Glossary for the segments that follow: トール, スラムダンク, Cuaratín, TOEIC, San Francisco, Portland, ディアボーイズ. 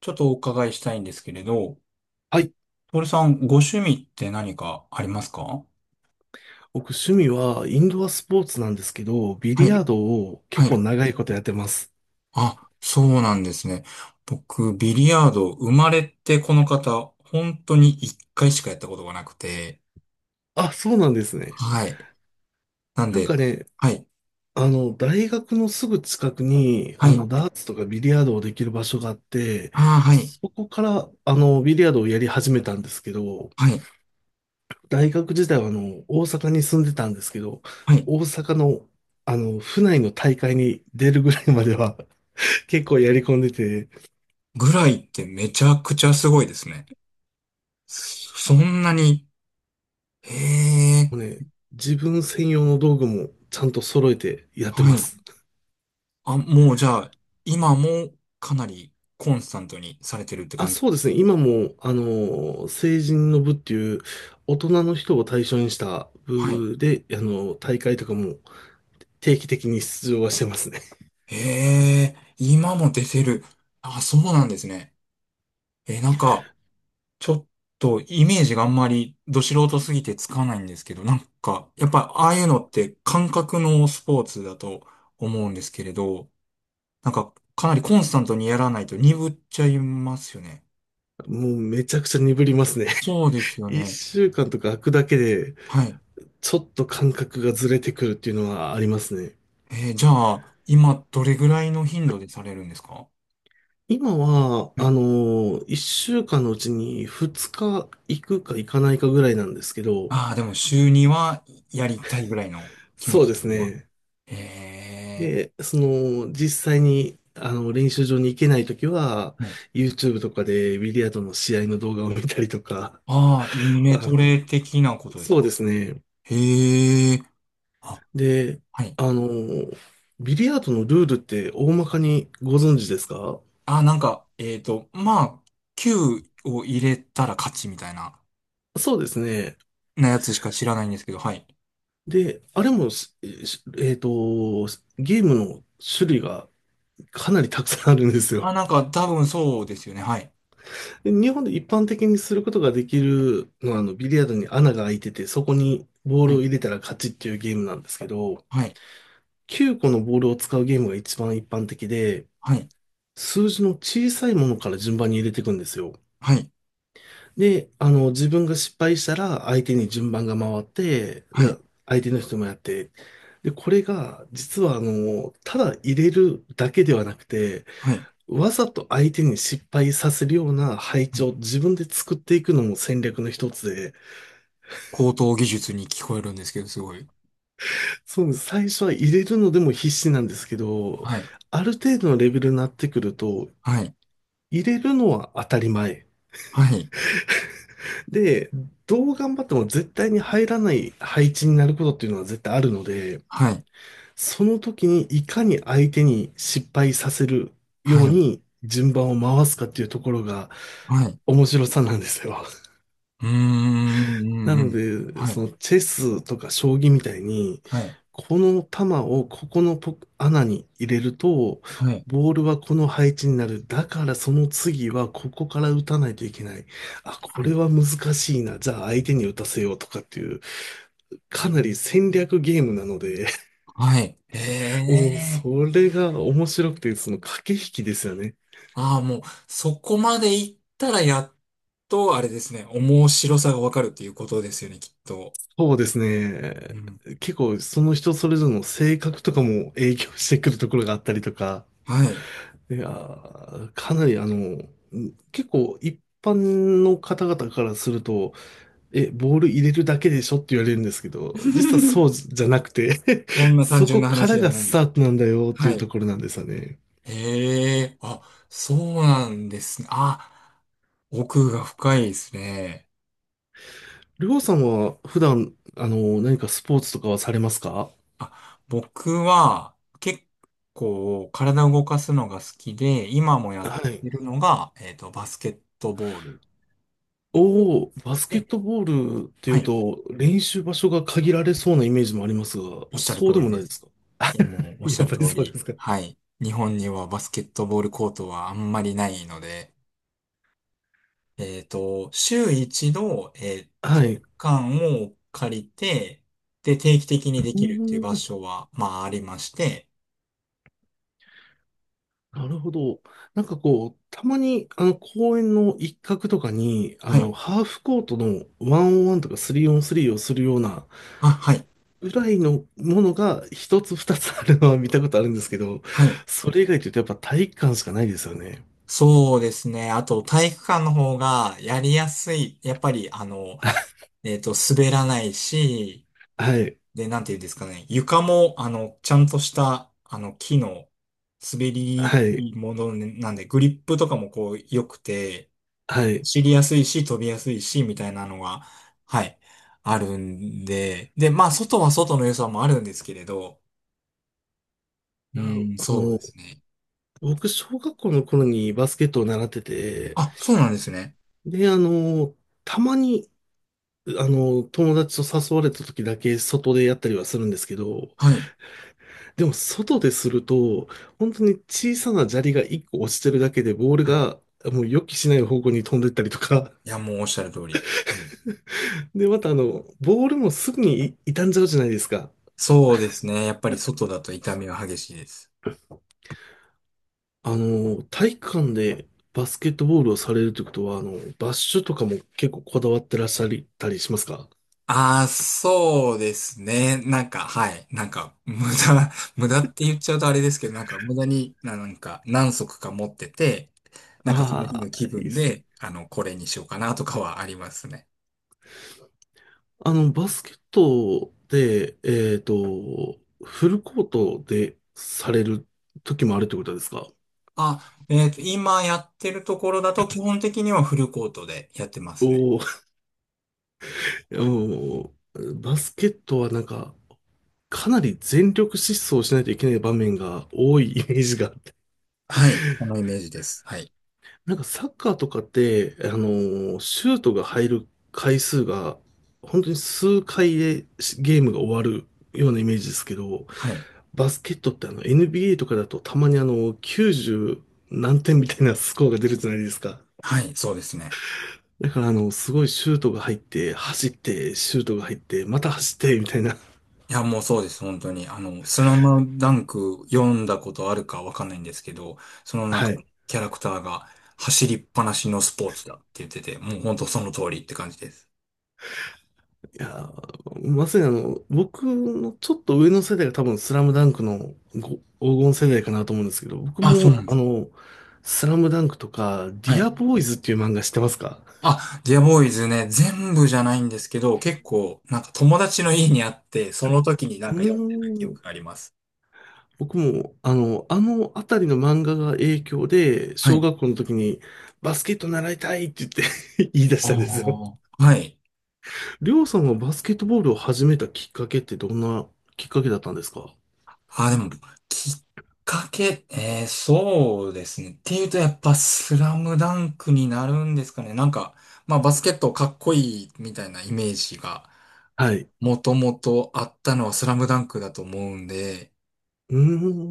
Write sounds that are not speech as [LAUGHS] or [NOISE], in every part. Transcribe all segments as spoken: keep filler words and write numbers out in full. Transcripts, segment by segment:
ちょっとお伺いしたいんですけれど、はい。トールさん、ご趣味って何かありますか？僕、趣味はインドアスポーツなんですけど、ビはリヤい。ードをは結構い。長いことやってます。あ、そうなんですね。僕、ビリヤード、生まれてこの方、本当に一回しかやったことがなくて、あ、そうなんですね。はい。なんなんで、かね、はい。あの、大学のすぐ近くに、はあい。あの、ダーツとかビリヤードをできる場所があって、あ、はい。そこから、あの、ビリヤードをやり始めたんですけど、はい。大学時代は、あの、大阪に住んでたんですけど、はい。大阪の、あの、府内の大会に出るぐらいまでは結構やり込んでて、ぐらいってめちゃくちゃすごいですね。そそんなに、へえ、もうね、自分専用の道具もちゃんと揃えてやっはてまい。す。あ、もうじゃあ、今もかなりコンスタントにされてるってあ、感じ？そうですね。今も、あの、成人の部っていう、大人の人を対象にしたはい。部で、あの、大会とかも定期的に出場はしてますね。へえ、今も出てる？あ、そうなんですね。え、なんか、ちょっとイメージがあんまりど素人すぎてつかないんですけど、なんか、やっぱああいうのって感覚のスポーツだと思うんですけれど、なんか、かなりコンスタントにやらないと鈍っちゃいますよね。もうめちゃくちゃ鈍りますね。そうです [LAUGHS] よ一ね。週間とか空くだけで、はい。ちょっと感覚がずれてくるっていうのはありますね。えーじゃあ、今どれぐらいの頻度でされるんですか？今は、はあい。の、一週間のうちにふつか行くか行かないかぐらいなんですけど、ああ、でも週にはやりたいぐらいの気持そうちで的すには。ね。ええ。で、その、実際に、あの、練習場に行けないときは、はい。 YouTube とかでビリヤードの試合の動画を見たりとか、ああ、イ [LAUGHS] あメトレの、的なことですそうでか。すね。へえ。あ、で、はい。あの、ビリヤードのルールって大まかにご存知ですか？あ、なんか、えっと、まあ、きゅうを入れたら勝ちみたいな、そうですね。なやつしか知らないんですけど、はい。で、あれもし、しえっと、ゲームの種類がかなりたくさんあるんですあ、よ。なんか、多分そうですよね。はい。で、日本で一般的にすることができるのは、あの、ビリヤードに穴が開いてて、そこにボーはルをい。入れたら勝ちっていうゲームなんですけど、はい。きゅうこのボールを使うゲームが一番一般的で、はい。数字の小さいものから順番に入れていくんですよ。はい。で、あの、自分が失敗したら相手に順番が回って、はじゃい。あ相手の人もやって。で、これが実はあの、ただ入れるだけではなくて、はい。わざと相手に失敗させるような配は置い。を自分で作っていくのも戦略の一つで、高等技術に聞こえるんですけど、すごい。そう、最初は入れるのでも必死なんですけど、はい。ある程度のレベルになってくると、はい。入れるのは当たり前。はい。で、どう頑張っても絶対に入らない配置になることっていうのは絶対あるので、はい。その時にいかに相手に失敗させるようはい。に順番を回すかっていうところがはい。面白さなんですよ。うーん。うなんうのん。で、はそい。のチェスとか将棋みたいに、はい。この玉をここのポ穴に入れると、はい。ボールはこの配置になる。だからその次はここから打たないといけない。あ、こはれい。は難しいな。じゃあ相手に打たせようとかっていう、かなり戦略ゲームなので、はい。へ [LAUGHS] もうえ。それが面白くて、その駆け引きですよね。ああ、もう、そこまで行ったらやっと、あれですね、面白さがわかるっていうことですよね、きっと。そうですうね。ん。結構その人それぞれの性格とかも影響してくるところがあったりとか、はい。いやー、かなりあの、ん結構一般の方々からすると、え、ボール入れるだけでしょって言われるんですけど、実はそ [LAUGHS] うじゃなくて そん [LAUGHS] な単そ純こなか話らじゃがなスい。タートなんだよってはいうとい。ころなんですよね。へえ、あ、そうなんですね。あ、奥が深いですね。りょうさんは普段、あの、何かスポーツとかはされますか？あ、僕は結構体を動かすのが好きで、今もやっはい。てるのが、えっと、バスケットボールおお、バスケで、ットボールっていはうい。と、練習場所が限られそうなイメージもありますが、おっしゃるそ通うでりもなでいですす。か？もうおっしゃやっるぱ通りそうでり。すか。はい。日本にはバスケットボールコートはあんまりないので、えっと、週一度、えーは体い。育う館を借りて、で、定期的にでーきるっていう場ん、所は、まあ、ありまして、なるほど。なんかこう、たまに、あの、公園の一角とかに、あはの、い。ハーフコートのワンオンワンとかスリーオンスリーをするような、あ、はい。ぐらいのものが一つ二つあるのは見たことあるんですけど、はい。それ以外というとやっぱ体育館しかないですよね。そうですね。あと、体育館の方がやりやすい。やっぱり、あの、えっと、滑らないし、はい、で、なんていうんですかね。床も、あの、ちゃんとした、あの、木の滑りにはくい、いものなんで、グリップとかもこう、良くて、はい。い走りやすいし、飛びやすいし、みたいなのが、はい、あるんで、で、まあ、外は外の良さもあるんですけれど、うや、ん、あそうでの、すね。僕、小学校の頃にバスケットを習ってて、あ、そうなんですね。で、あの、たまに、あの、友達と誘われた時だけ外でやったりはするんですけど、はい。でも外ですると、本当に小さな砂利がいっこ落ちてるだけで、ボールはい。がもう予期しない方向に飛んでったりとか。いや、もうおっしゃる通り。[LAUGHS] で、またあの、ボールもすぐにい傷んじゃうじゃないですか。そうですね。やっぱり外だと痛みは激しいです。あの、体育館でバスケットボールをされるということは、あの、バッシュとかも結構こだわってらっしゃったりしますか？ああ、そうですね。なんか、はい。なんか、[LAUGHS] 無駄、無駄って言っちゃうとあれですけど、なんか、無駄に、ななんか、何足か持ってて、なんか、その日あのあ気ー、いいで分すね。で、あの、これにしようかなとかはありますね。あの、バスケットで、えっと、フルコートでされる時もあるということですか？あ、えっと、今やってるところだと、基本的にはフルコートでやってますね。お、もう、バスケットはなんか、かなり全力疾走しないといけない場面が多い [LAUGHS] イメージがあって。はい。そのイメージです。はい。なんかサッカーとかって、あのシュートが入る回数が、本当に数回でゲームが終わるようなイメージですけど、はい。バスケットって、あの、 エヌビーエー とかだとたまにあのきゅうじゅう何点みたいなスコアが出るじゃないですか。はい、そうですね。だからあの、すごいシュートが入って、走って、シュートが入って、また走って、みたいな。いや、もうそうです、本当に。あの、スラムダンク読んだことあるかわかんないんですけど、そのは中のい。キャラクターが走りっぱなしのスポーツだって言ってて、もう本当その通りって感じです。いやー、まさにあの、僕のちょっと上の世代が多分スラムダンクのご黄金世代かなと思うんですけど、僕あ、そうもなんであす。の、スラムダンクとか、デはィい。アボーイズっていう漫画知ってますか？あ、ディアボーイズね、全部じゃないんですけど、結構、なんか友達の家にあって、その時になうんか読んでた記ーん、憶があります。僕もあの、あのあたりの漫画が影響で、は小い。学校の時にバスケット習いたいって言って [LAUGHS] 言い出しあたんですよ。あ。はい。りょうさんはバスケットボールを始めたきっかけってどんなきっかけだったんですか？あ、でも、きっかけ、えー、そうですね。っていうと、やっぱ、スラムダンクになるんですかね。なんか、まあ、バスケットかっこいいみたいなイメージが、はい。もともとあったのはスラムダンクだと思うんで、う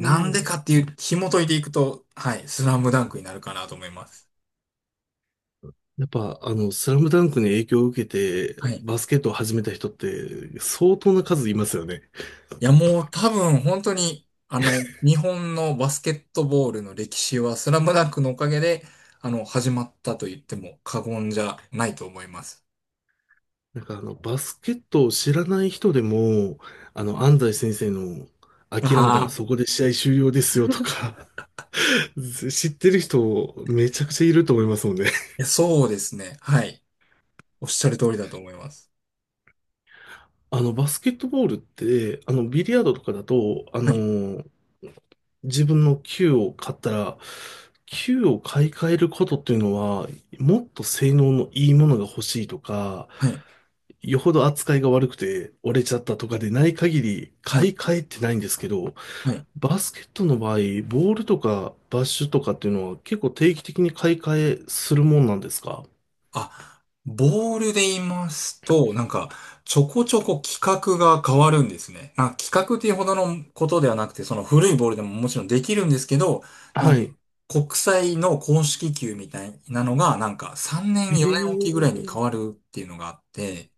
なんでん。かっていう、紐解いていくと、はい、スラムダンクになるかなと思います。やっぱ、あの、スラムダンクに影響を受けて、はい。バスケットを始めた人って、相当な数いますよね。いや、もう多分、本当に、あの、日本のバスケットボールの歴史は、スラムダンクのおかげで、あの、始まったと言っても過言じゃないと思います。なんか、あの、バスケットを知らない人でも、あの、安西先生の、諦めたらああ、そこで試合終了ですよとか、[LAUGHS] 知ってる人、めちゃくちゃいると思いますもんね。いや、そうですね。はい。おっしゃる通りだと思います。あの、バスケットボールって、あの、ビリヤードとかだと、あはい。の、自分の球を買ったら、球を買い替えることっていうのは、もっと性能のいいものが欲しいとか、はい。よほど扱いが悪くて折れちゃったとかでない限り、は買いい。替えってないんですけど、はい。バスケットの場合、ボールとかバッシュとかっていうのは結構定期的に買い替えするもんなんですか？あ、ボールで言いますと、なんか、ちょこちょこ企画が変わるんですね。あ、企画っていうほどのことではなくて、その古いボールでももちろんできるんですけど、なんはか、い。国際の公式球みたいなのが、なんか、さんねん、よねんおきぐえらいに変わえ、るっていうのがあって、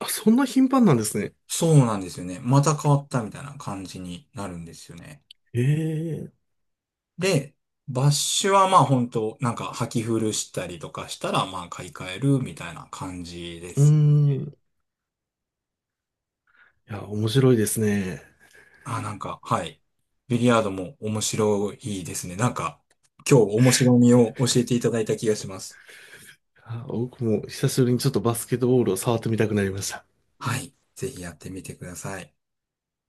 あ、そんな頻繁なんですね。そうなんですよね。また変わったみたいな感じになるんですよね。ええ、で、バッシュはまあ本当なんか履き古したりとかしたらまあ買い替えるみたいな感じでうーす。ん。いや、面白いですね。あ、なんか、はい。ビリヤードも面白いですね。なんか、今日面白みを教えていただいた気がします。あ、僕も久しぶりにちょっとバスケットボールを触ってみたくなりました。はい。ぜひやってみてください。